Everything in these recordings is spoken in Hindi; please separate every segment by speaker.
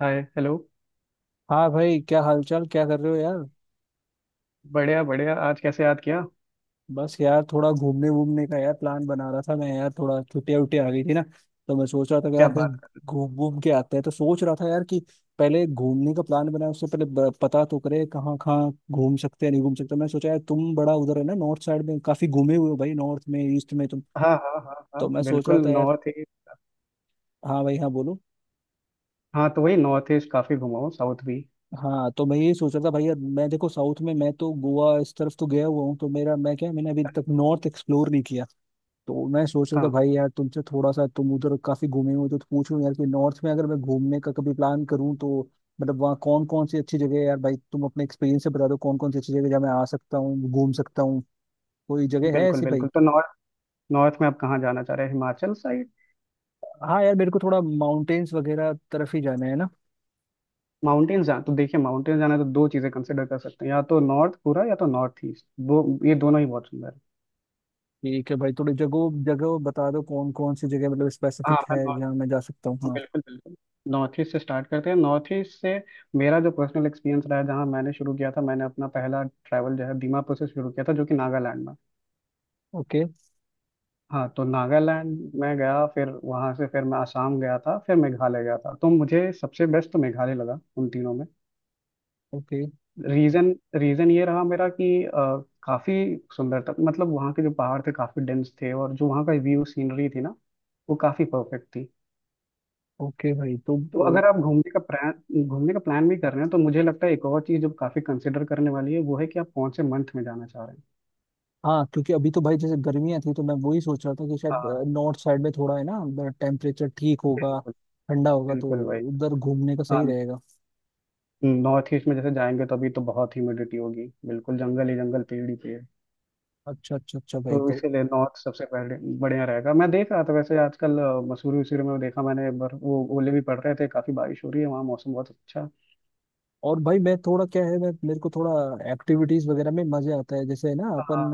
Speaker 1: हाय हेलो।
Speaker 2: हाँ भाई, क्या हालचाल? क्या कर रहे हो यार?
Speaker 1: बढ़िया बढ़िया, आज कैसे याद किया?
Speaker 2: बस यार थोड़ा घूमने वूमने का यार प्लान बना रहा था मैं यार। थोड़ा छुट्टियां उट्टियां आ गई थी ना, तो मैं सोच रहा था कि
Speaker 1: क्या
Speaker 2: यार कहीं
Speaker 1: बात।
Speaker 2: घूम घूम के आते हैं। तो सोच रहा था यार कि पहले घूमने का प्लान बनाए उससे पहले पता तो करे कहाँ कहाँ घूम सकते हैं, नहीं घूम सकते। मैं सोचा यार तुम बड़ा उधर है ना, नॉर्थ साइड में काफी घूमे हुए हो भाई, नॉर्थ में, ईस्ट में तुम।
Speaker 1: कर हाँ हाँ हाँ हाँ
Speaker 2: तो मैं सोच
Speaker 1: बिल्कुल,
Speaker 2: रहा था यार।
Speaker 1: North east.
Speaker 2: हाँ भाई, हाँ बोलो।
Speaker 1: हाँ, तो वही नॉर्थ ईस्ट काफ़ी घुमा हूँ, साउथ भी।
Speaker 2: हाँ तो मैं यही सोच रहा था भाई, यार मैं देखो साउथ में मैं तो गोवा इस तरफ तो गया हुआ हूँ, तो मेरा मैंने अभी तक नॉर्थ एक्सप्लोर नहीं किया। तो मैं सोच रहा था
Speaker 1: हाँ
Speaker 2: भाई यार, तुमसे थोड़ा सा, तुम उधर काफी घूमे हो तो पूछूं यार कि नॉर्थ में अगर मैं घूमने का कभी प्लान करूं, तो मतलब वहाँ कौन कौन सी अच्छी जगह है यार? भाई तुम अपने एक्सपीरियंस से बता दो कौन कौन सी अच्छी जगह है, जहाँ मैं आ सकता हूँ, घूम सकता हूँ। कोई जगह है
Speaker 1: बिल्कुल
Speaker 2: ऐसी भाई?
Speaker 1: बिल्कुल, तो नॉर्थ नॉर्थ में आप कहाँ जाना चाह रहे हैं? हिमाचल साइड?
Speaker 2: हाँ यार, मेरे को थोड़ा माउंटेन्स वगैरह तरफ ही जाना है ना।
Speaker 1: माउंटेन्स जाना तो देखिए, माउंटेन्स जाना है तो दो चीज़ें कंसिडर कर सकते हैं, या तो नॉर्थ पूरा या तो नॉर्थ ईस्ट, वो ये दोनों ही बहुत सुंदर है।
Speaker 2: ठीक है भाई, थोड़ी जगह जगह बता दो, कौन कौन सी जगह मतलब
Speaker 1: हाँ,
Speaker 2: स्पेसिफिक
Speaker 1: मैं
Speaker 2: है
Speaker 1: नॉर्थ।
Speaker 2: जहाँ मैं जा सकता हूँ।
Speaker 1: हाँ
Speaker 2: हाँ।
Speaker 1: बिल्कुल बिल्कुल। नॉर्थ ईस्ट से स्टार्ट करते हैं, नॉर्थ ईस्ट से। मेरा जो पर्सनल एक्सपीरियंस रहा है, जहाँ मैंने शुरू किया था, मैंने अपना पहला ट्रैवल जो है दीमापुर से शुरू किया था, जो कि नागालैंड में।
Speaker 2: ओके।
Speaker 1: हाँ, तो नागालैंड में गया, फिर वहां से फिर मैं आसाम गया था, फिर मेघालय गया था। तो मुझे सबसे बेस्ट तो मेघालय लगा उन तीनों में।
Speaker 2: ओके।
Speaker 1: रीजन, रीजन ये रहा मेरा कि काफी सुंदर था। मतलब वहाँ के जो पहाड़ थे काफी डेंस थे, और जो वहाँ का व्यू सीनरी थी ना, वो काफी परफेक्ट थी।
Speaker 2: ओके भाई तो।
Speaker 1: तो अगर आप घूमने का प्लान भी कर रहे हैं, तो मुझे लगता है एक और चीज जो काफी कंसिडर करने वाली है वो है कि आप कौन से मंथ में जाना चाह रहे हैं।
Speaker 2: हाँ क्योंकि अभी तो भाई जैसे गर्मियां थी, तो मैं वही सोच रहा था कि शायद
Speaker 1: हाँ
Speaker 2: नॉर्थ साइड में थोड़ा है ना, टेम्परेचर ठीक होगा,
Speaker 1: बिल्कुल।
Speaker 2: ठंडा होगा, तो
Speaker 1: बिल्कुल भाई।
Speaker 2: उधर घूमने का
Speaker 1: हाँ,
Speaker 2: सही रहेगा।
Speaker 1: नॉर्थ ईस्ट में जैसे जाएंगे तो अभी तो बहुत ह्यूमिडिटी होगी, बिल्कुल जंगल ही जंगल, पेड़ ही पेड़।
Speaker 2: अच्छा अच्छा अच्छा भाई
Speaker 1: तो
Speaker 2: तो।
Speaker 1: इसीलिए नॉर्थ सबसे पहले बढ़िया रहेगा। मैं देख रहा था वैसे आजकल मसूरी वसूरी में, देखा मैंने एक बार वो ओले भी पड़ रहे थे, काफी बारिश हो रही है वहाँ, मौसम बहुत अच्छा।
Speaker 2: और भाई मैं थोड़ा क्या है, मैं मेरे को थोड़ा एक्टिविटीज वगैरह में मजे आता है, जैसे ना अपन
Speaker 1: हाँ,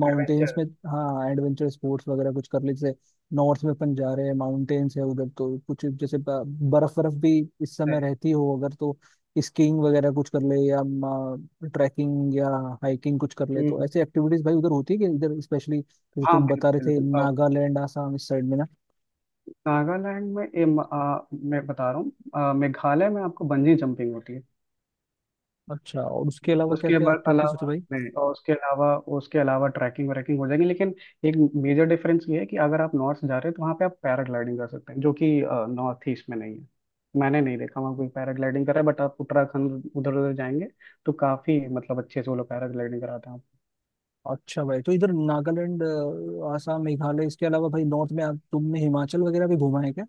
Speaker 2: माउंटेन्स
Speaker 1: एडवेंचर।
Speaker 2: में। हाँ एडवेंचर स्पोर्ट्स वगैरह कुछ कर ले, जैसे नॉर्थ में अपन जा रहे हैं, माउंटेन्स है उधर, तो कुछ जैसे बर्फ बर्फ भी इस समय
Speaker 1: नहीं।
Speaker 2: रहती हो अगर, तो स्कीइंग वगैरह कुछ कर ले, या ट्रैकिंग या हाइकिंग कुछ कर ले।
Speaker 1: हम्म,
Speaker 2: तो
Speaker 1: हम्म।
Speaker 2: ऐसी एक्टिविटीज भाई उधर होती है कि इधर? स्पेशली जैसे
Speaker 1: हाँ
Speaker 2: तुम बता रहे
Speaker 1: बिल्कुल
Speaker 2: थे
Speaker 1: बिल्कुल। अब
Speaker 2: नागालैंड, आसाम इस साइड में ना।
Speaker 1: नागालैंड में ये मैं बता रहा हूँ, मेघालय में आपको बंजी जंपिंग होती है।
Speaker 2: अच्छा, और उसके अलावा क्या
Speaker 1: उसके
Speaker 2: क्या
Speaker 1: बाद
Speaker 2: एक्टिविटीज होती है
Speaker 1: अलावा
Speaker 2: भाई?
Speaker 1: नहीं, और उसके अलावा ट्रैकिंग व्रैकिंग हो जाएगी, लेकिन एक मेजर डिफरेंस ये है कि अगर आप नॉर्थ जा रहे हैं, तो वहाँ पे आप पैराग्लाइडिंग कर सकते हैं, जो कि नॉर्थ ईस्ट में नहीं है। मैंने नहीं देखा वहाँ कोई पैराग्लाइडिंग करा है, बट आप उत्तराखंड उधर उधर जाएंगे तो काफ़ी मतलब अच्छे से वो लोग पैराग्लाइडिंग कराते हैं आपको।
Speaker 2: अच्छा भाई, तो इधर नागालैंड, आसाम, मेघालय इसके अलावा भाई नॉर्थ में आप, तुमने हिमाचल वगैरह भी घूमा है क्या?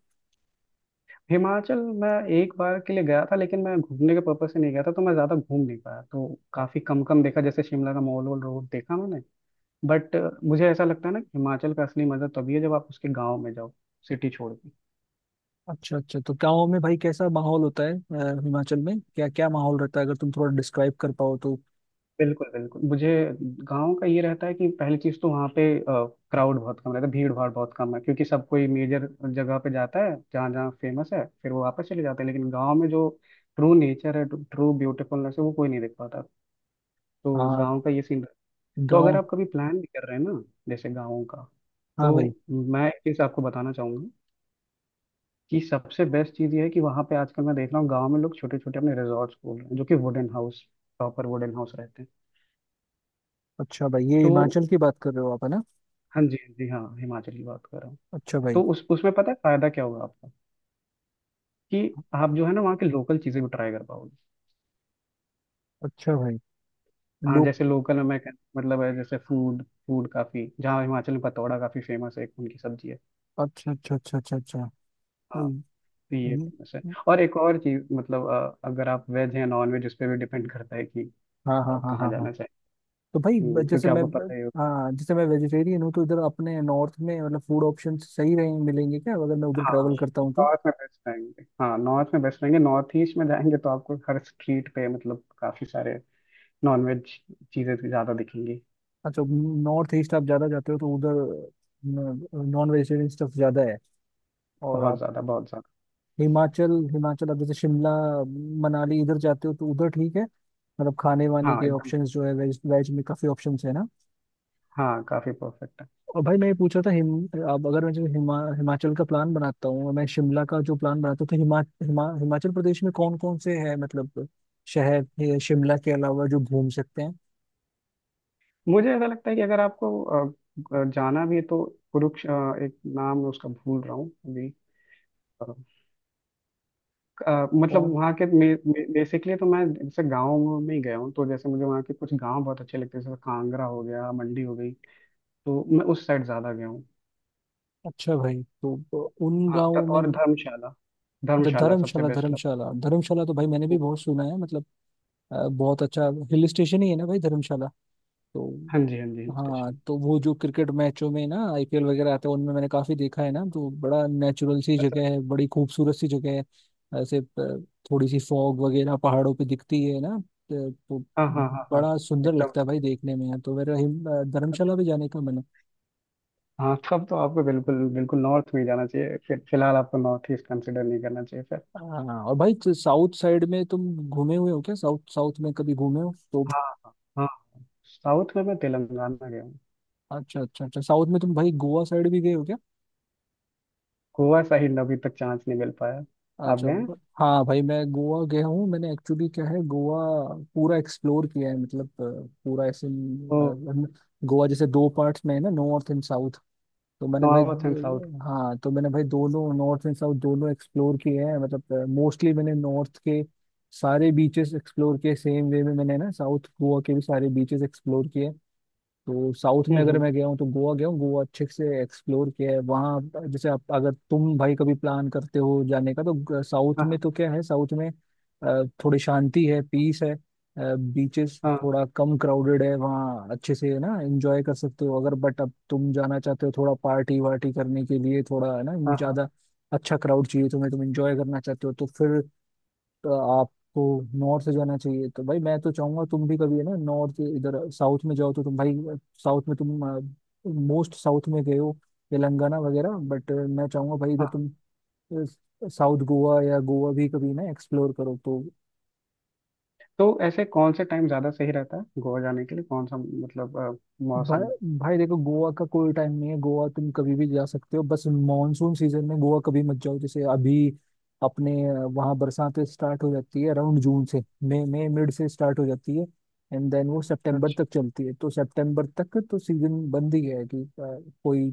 Speaker 1: हिमाचल मैं एक बार के लिए गया था, लेकिन मैं घूमने के पर्पज से नहीं गया था, तो मैं ज़्यादा घूम नहीं पाया। तो काफ़ी कम कम देखा, जैसे शिमला का मॉल वॉल रोड देखा मैंने, बट मुझे ऐसा लगता है ना कि हिमाचल का असली मजा तभी है जब आप उसके गांव में जाओ, सिटी छोड़ के।
Speaker 2: अच्छा अच्छा, तो गाँव में भाई कैसा माहौल होता है? हिमाचल में क्या क्या माहौल रहता है, अगर तुम थोड़ा डिस्क्राइब कर पाओ तो?
Speaker 1: बिल्कुल बिल्कुल, मुझे गांव का ये रहता है कि पहली चीज तो वहाँ पे क्राउड बहुत कम रहता है, भीड़ भाड़ बहुत कम है, क्योंकि सब कोई मेजर जगह पे जाता है जहाँ जहाँ फेमस है, फिर वो वापस चले जाते हैं। लेकिन गांव में जो ट्रू नेचर है, ट्रू ब्यूटीफुलनेस है, वो कोई नहीं देख पाता। तो
Speaker 2: हाँ।
Speaker 1: गांव का ये सीन। तो अगर
Speaker 2: गाँव।
Speaker 1: आप कभी प्लान भी कर रहे हैं ना जैसे गाँव का,
Speaker 2: हाँ
Speaker 1: तो
Speaker 2: भाई।
Speaker 1: मैं एक चीज आपको बताना चाहूंगा कि सबसे बेस्ट चीज़ ये है कि वहाँ पे आजकल मैं देख रहा हूँ गांव में लोग छोटे छोटे अपने रिजॉर्ट्स खोल रहे हैं, जो कि wooden house, proper wooden house रहते हैं।
Speaker 2: अच्छा भाई, ये
Speaker 1: तो
Speaker 2: हिमाचल की बात कर रहे हो आप है ना?
Speaker 1: हाँ जी हाँ जी, हाँ हिमाचल की बात कर रहा हूँ।
Speaker 2: अच्छा भाई।
Speaker 1: तो उस उसमें पता है फायदा क्या होगा आपका, कि आप जो है ना वहाँ की लोकल चीज़ें भी ट्राई कर पाओगे।
Speaker 2: अच्छा भाई।
Speaker 1: हाँ,
Speaker 2: लोग।
Speaker 1: जैसे लोकल में मतलब है, जैसे फूड। फूड काफ़ी, जहाँ हिमाचल में पतौड़ा काफ़ी फेमस है, एक उनकी सब्जी है।
Speaker 2: अच्छा अच्छा अच्छा अच्छा अच्छा।
Speaker 1: हाँ,
Speaker 2: हम्म।
Speaker 1: तो ये
Speaker 2: हम्म।
Speaker 1: फेमस है।
Speaker 2: हम्म।
Speaker 1: और एक और चीज़, मतलब अगर आप वेज हैं, नॉन वेज, उस पर भी डिपेंड करता है कि
Speaker 2: हाँ हाँ
Speaker 1: आप
Speaker 2: हाँ
Speaker 1: कहाँ
Speaker 2: हाँ हाँ।
Speaker 1: जाना चाहें।
Speaker 2: तो भाई जैसे
Speaker 1: क्योंकि
Speaker 2: मैं
Speaker 1: आपको पता ही।
Speaker 2: हाँ जैसे मैं वेजिटेरियन हूँ, तो इधर अपने नॉर्थ में मतलब फूड ऑप्शन सही रहेंगे, मिलेंगे क्या अगर मैं उधर
Speaker 1: हाँ,
Speaker 2: ट्रैवल करता हूँ तो?
Speaker 1: नॉर्थ में बेस्ट रहेंगे, हाँ नॉर्थ में बेस्ट रहेंगे। नॉर्थ ईस्ट में जाएंगे तो आपको हर स्ट्रीट पे मतलब काफी सारे नॉनवेज चीजें ज्यादा दिखेंगी।
Speaker 2: अच्छा। नॉर्थ ईस्ट आप ज़्यादा जाते हो तो उधर नॉन वेजिटेरियन स्टफ ज़्यादा है? और
Speaker 1: बहुत
Speaker 2: आप
Speaker 1: ज्यादा, बहुत ज्यादा।
Speaker 2: हिमाचल, हिमाचल आप जैसे शिमला मनाली इधर जाते हो तो उधर ठीक है मतलब, खाने वाने
Speaker 1: हाँ
Speaker 2: के
Speaker 1: एकदम।
Speaker 2: ऑप्शंस जो है वेज, वेज में काफ़ी ऑप्शंस है ना?
Speaker 1: हाँ, काफी परफेक्ट है।
Speaker 2: और भाई मैं ये पूछ रहा था हिम अब, अगर मैं जो हिमाचल का प्लान बनाता हूँ, और मैं शिमला का जो प्लान बनाता हूँ, तो हिमा, हिमा, हिमाचल प्रदेश में कौन कौन से है मतलब शहर है शिमला के अलावा जो घूम सकते हैं?
Speaker 1: मुझे ऐसा लगता है कि अगर आपको जाना भी है तो कुरुक्ष अ, एक नाम मैं उसका भूल रहा हूँ अभी। अ, मतलब
Speaker 2: कौन।
Speaker 1: वहाँ के, बेसिकली तो मैं जैसे गाँव में ही गया हूँ, तो जैसे मुझे वहाँ के कुछ गाँव बहुत अच्छे लगते हैं, जैसे कांगड़ा हो गया, मंडी हो गई। तो मैं उस साइड ज्यादा गया हूँ।
Speaker 2: अच्छा भाई तो उन
Speaker 1: हाँ
Speaker 2: गाँवों में।
Speaker 1: और धर्मशाला,
Speaker 2: अच्छा
Speaker 1: धर्मशाला सबसे
Speaker 2: धर्मशाला
Speaker 1: बेस्ट लगा।
Speaker 2: धर्मशाला धर्मशाला, तो भाई मैंने भी बहुत सुना है मतलब बहुत अच्छा हिल स्टेशन ही है ना भाई धर्मशाला तो।
Speaker 1: हाँ जी हाँ जी, हिल
Speaker 2: हाँ,
Speaker 1: स्टेशन।
Speaker 2: तो वो जो क्रिकेट मैचों में ना आईपीएल वगैरह आते हैं, उनमें मैंने काफी देखा है ना, तो बड़ा नेचुरल सी
Speaker 1: अच्छा।
Speaker 2: जगह है, बड़ी खूबसूरत सी जगह है। ऐसे थोड़ी सी फॉग वगैरह पहाड़ों पे दिखती है ना, तो
Speaker 1: हाँ हाँ हाँ हाँ।
Speaker 2: बड़ा सुंदर
Speaker 1: एकदम
Speaker 2: लगता है
Speaker 1: सही,
Speaker 2: भाई
Speaker 1: एकदम।
Speaker 2: देखने में यार। तो मेरा धर्मशाला भी जाने का मन है।
Speaker 1: हाँ, तब तो आपको बिल्कुल बिल्कुल नॉर्थ में ही जाना चाहिए फिर, फिलहाल आपको नॉर्थ ईस्ट कंसिडर नहीं करना चाहिए फिर।
Speaker 2: हाँ और भाई, तो साउथ साइड में तुम घूमे हुए हो क्या? साउथ, साउथ में कभी घूमे हो तो?
Speaker 1: हाँ हाँ। साउथ में मैं तेलंगाना गया हूँ।
Speaker 2: अच्छा अच्छा अच्छा, साउथ में तुम भाई गोवा साइड भी गए हो?
Speaker 1: गोवा साइड अभी तक चांस नहीं मिल पाया। आप
Speaker 2: अच्छा
Speaker 1: गए हैं?
Speaker 2: हाँ भाई, मैं गोवा गया हूँ, मैंने एक्चुअली क्या है, गोवा पूरा एक्सप्लोर किया है मतलब पूरा ऐसे
Speaker 1: तो
Speaker 2: गोवा जैसे दो पार्ट्स में है ना, नॉर्थ एंड साउथ। तो मैंने भाई
Speaker 1: नॉर्थ एंड साउथ।
Speaker 2: हाँ, तो मैंने भाई दोनों नॉर्थ एंड साउथ दोनों एक्सप्लोर किए हैं, मतलब मोस्टली मैंने नॉर्थ के सारे बीचेस एक्सप्लोर किए, सेम वे में मैंने ना साउथ गोवा के भी सारे बीचेस एक्सप्लोर किए। तो साउथ में अगर
Speaker 1: हम्म।
Speaker 2: मैं गया हूँ तो गोवा गया हूँ, गोवा अच्छे से एक्सप्लोर किया है वहाँ। जैसे आप, अगर तुम भाई कभी प्लान करते हो जाने का, तो साउथ
Speaker 1: हाँ
Speaker 2: में तो क्या है, साउथ में थोड़ी शांति है, पीस है, बीचेस
Speaker 1: हाँ
Speaker 2: थोड़ा कम क्राउडेड है वहाँ, अच्छे से है ना एंजॉय कर सकते हो अगर। बट अब तुम जाना चाहते हो थोड़ा पार्टी वार्टी करने के लिए, थोड़ा है ना,
Speaker 1: हाँ हाँ
Speaker 2: ज़्यादा अच्छा क्राउड चाहिए तुम्हें, तुम एंजॉय करना चाहते हो, तो फिर तो आपको नॉर्थ जाना चाहिए। तो भाई मैं तो चाहूंगा तुम भी कभी है ना, नॉर्थ इधर, साउथ में जाओ तो तुम भाई, साउथ में तुम मोस्ट साउथ में गए हो तेलंगाना वगैरह, बट मैं चाहूंगा भाई इधर
Speaker 1: हाँ।
Speaker 2: तुम साउथ गोवा या गोवा भी कभी ना एक्सप्लोर करो तो।
Speaker 1: तो ऐसे कौन से टाइम ज़्यादा सही रहता है गोवा जाने के लिए, कौन सा मतलब मौसम?
Speaker 2: भाई भाई देखो, गोवा का कोई टाइम नहीं है, गोवा तुम कभी भी जा सकते हो, बस मॉनसून सीजन में गोवा कभी मत जाओ, जैसे अभी अपने वहाँ बरसात स्टार्ट हो जाती है अराउंड जून से, मई मई मिड से स्टार्ट हो जाती है, एंड देन वो सितंबर
Speaker 1: अच्छा।
Speaker 2: तक चलती है। तो सितंबर तक तो सीजन बंद ही है, कि कोई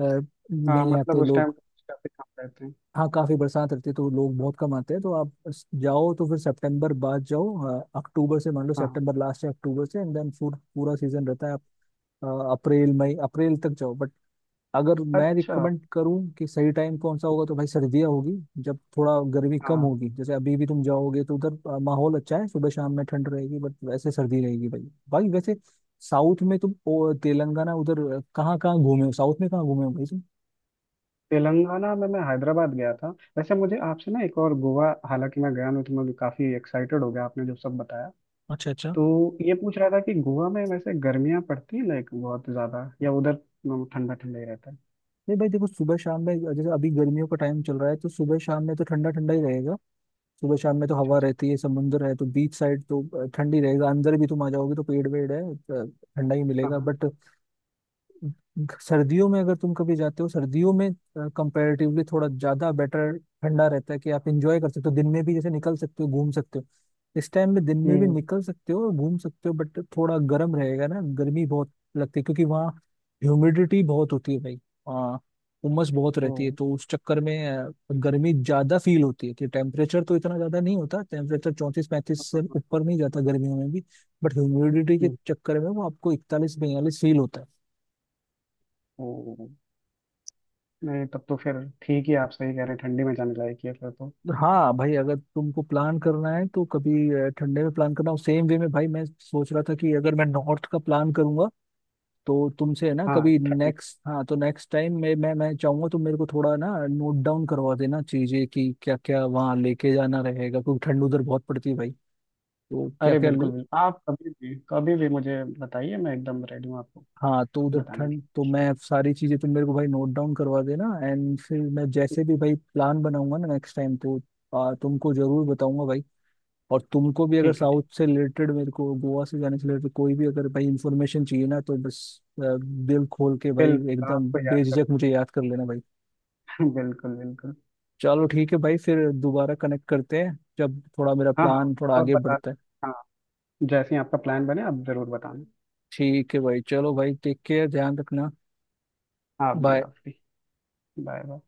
Speaker 2: अ,
Speaker 1: हाँ,
Speaker 2: नहीं
Speaker 1: मतलब
Speaker 2: आते
Speaker 1: उस टाइम
Speaker 2: लोग।
Speaker 1: काफी कम रहते हैं।
Speaker 2: हाँ काफी बरसात रहती है तो लोग बहुत कम आते हैं। तो आप जाओ तो फिर सितंबर बाद जाओ, अक्टूबर से, मान लो
Speaker 1: हाँ।
Speaker 2: सितंबर लास्ट से अक्टूबर से एंड देन पूरा सीजन रहता है, अ, अप्रैल मई, अप्रैल तक जाओ बट। अगर मैं
Speaker 1: अच्छा।
Speaker 2: रिकमेंड करूं कि सही टाइम कौन सा होगा, तो भाई सर्दियाँ होगी, जब थोड़ा गर्मी कम
Speaker 1: हाँ।
Speaker 2: होगी, जैसे अभी भी तुम जाओगे तो उधर माहौल अच्छा है, सुबह शाम में ठंड रहेगी, बट वैसे सर्दी रहेगी भाई। भाई वैसे साउथ में तुम तेलंगाना उधर कहाँ कहाँ घूमे हो, साउथ में कहाँ घूमे हो भाई तुम?
Speaker 1: तेलंगाना में मैं हैदराबाद गया था। वैसे मुझे आपसे ना एक, और गोवा हालांकि मैं गया नहीं, तो मैं काफी एक्साइटेड हो गया, आपने जो सब बताया।
Speaker 2: अच्छा अच्छा।
Speaker 1: तो ये पूछ रहा था कि गोवा में वैसे गर्मियाँ पड़ती हैं लाइक बहुत ज्यादा, या उधर मतलब ठंडा ठंडा ही रहता है?
Speaker 2: नहीं भाई देखो सुबह शाम में जैसे अभी गर्मियों का टाइम चल रहा है, तो सुबह शाम में तो ठंडा ठंडा ही रहेगा। सुबह शाम में तो
Speaker 1: अच्छा
Speaker 2: हवा
Speaker 1: अच्छा।
Speaker 2: रहती है, समुंदर है तो बीच साइड तो ठंडी रहेगा, अंदर भी तुम आ जाओगे तो पेड़ वेड़ है, तो ठंडा ही
Speaker 1: हाँ
Speaker 2: मिलेगा
Speaker 1: हाँ।
Speaker 2: बट, सर्दियों में अगर तुम कभी जाते हो सर्दियों में कंपैरेटिवली थोड़ा ज्यादा बेटर ठंडा रहता है, कि आप इंजॉय कर सकते हो, तो दिन में भी जैसे निकल सकते हो, घूम सकते हो। इस टाइम में दिन में भी
Speaker 1: हम्म।
Speaker 2: निकल सकते हो, घूम सकते हो, बट थोड़ा गर्म रहेगा ना। गर्मी बहुत लगती है क्योंकि वहाँ ह्यूमिडिटी बहुत होती है भाई, वहाँ उमस बहुत
Speaker 1: ओ।
Speaker 2: रहती है, तो उस चक्कर में गर्मी ज्यादा फील होती है, कि टेम्परेचर तो इतना ज्यादा नहीं होता। टेम्परेचर 34-35 से ऊपर नहीं जाता गर्मियों में भी, बट ह्यूमिडिटी के
Speaker 1: हम्म।
Speaker 2: चक्कर में वो आपको 41-42 फील होता है।
Speaker 1: ओ। नहीं, तब तो फिर ठीक ही, आप सही कह रहे हैं, ठंडी में जाने लायक ही है फिर तो।
Speaker 2: हाँ भाई अगर तुमको प्लान करना है तो कभी ठंडे में प्लान करना हो, सेम वे में भाई मैं सोच रहा था कि अगर मैं नॉर्थ का प्लान करूंगा, तो तुमसे है ना
Speaker 1: हाँ,
Speaker 2: कभी
Speaker 1: ठंडी।
Speaker 2: नेक्स्ट, हाँ तो नेक्स्ट टाइम मैं चाहूंगा तुम मेरे को थोड़ा ना नोट डाउन करवा देना चीजें, कि क्या क्या वहाँ लेके जाना रहेगा, क्योंकि ठंड उधर बहुत पड़ती है भाई, तो क्या
Speaker 1: अरे
Speaker 2: क्या।
Speaker 1: बिल्कुल बिल्कुल, आप कभी भी कभी भी मुझे बताइए, मैं एकदम रेडी हूँ आपको
Speaker 2: हाँ तो उधर
Speaker 1: बताने के
Speaker 2: ठंड तो मैं सारी चीजें तुम मेरे को भाई नोट डाउन करवा देना, एंड फिर मैं
Speaker 1: लिए।
Speaker 2: जैसे भी भाई प्लान बनाऊंगा ना नेक्स्ट टाइम, तो तुमको जरूर बताऊंगा भाई। और तुमको भी अगर
Speaker 1: ठीक है।
Speaker 2: साउथ से रिलेटेड, मेरे को गोवा से जाने से रिलेटेड कोई भी अगर भाई इंफॉर्मेशन चाहिए ना, तो बस दिल खोल के भाई
Speaker 1: बिल्कुल,
Speaker 2: एकदम
Speaker 1: आपको याद
Speaker 2: बेझिझक मुझे याद कर लेना भाई।
Speaker 1: करो बिल्कुल बिल्कुल।
Speaker 2: चलो ठीक है भाई, फिर दोबारा कनेक्ट करते हैं जब थोड़ा मेरा
Speaker 1: हाँ हाँ,
Speaker 2: प्लान थोड़ा
Speaker 1: और
Speaker 2: आगे बढ़ता है।
Speaker 1: बताना, हाँ, जैसे ही आपका प्लान बने आप जरूर बताना।
Speaker 2: ठीक है भाई, चलो भाई, टेक केयर, ध्यान रखना।
Speaker 1: आप भी,
Speaker 2: बाय।
Speaker 1: आप भी। Bye bye.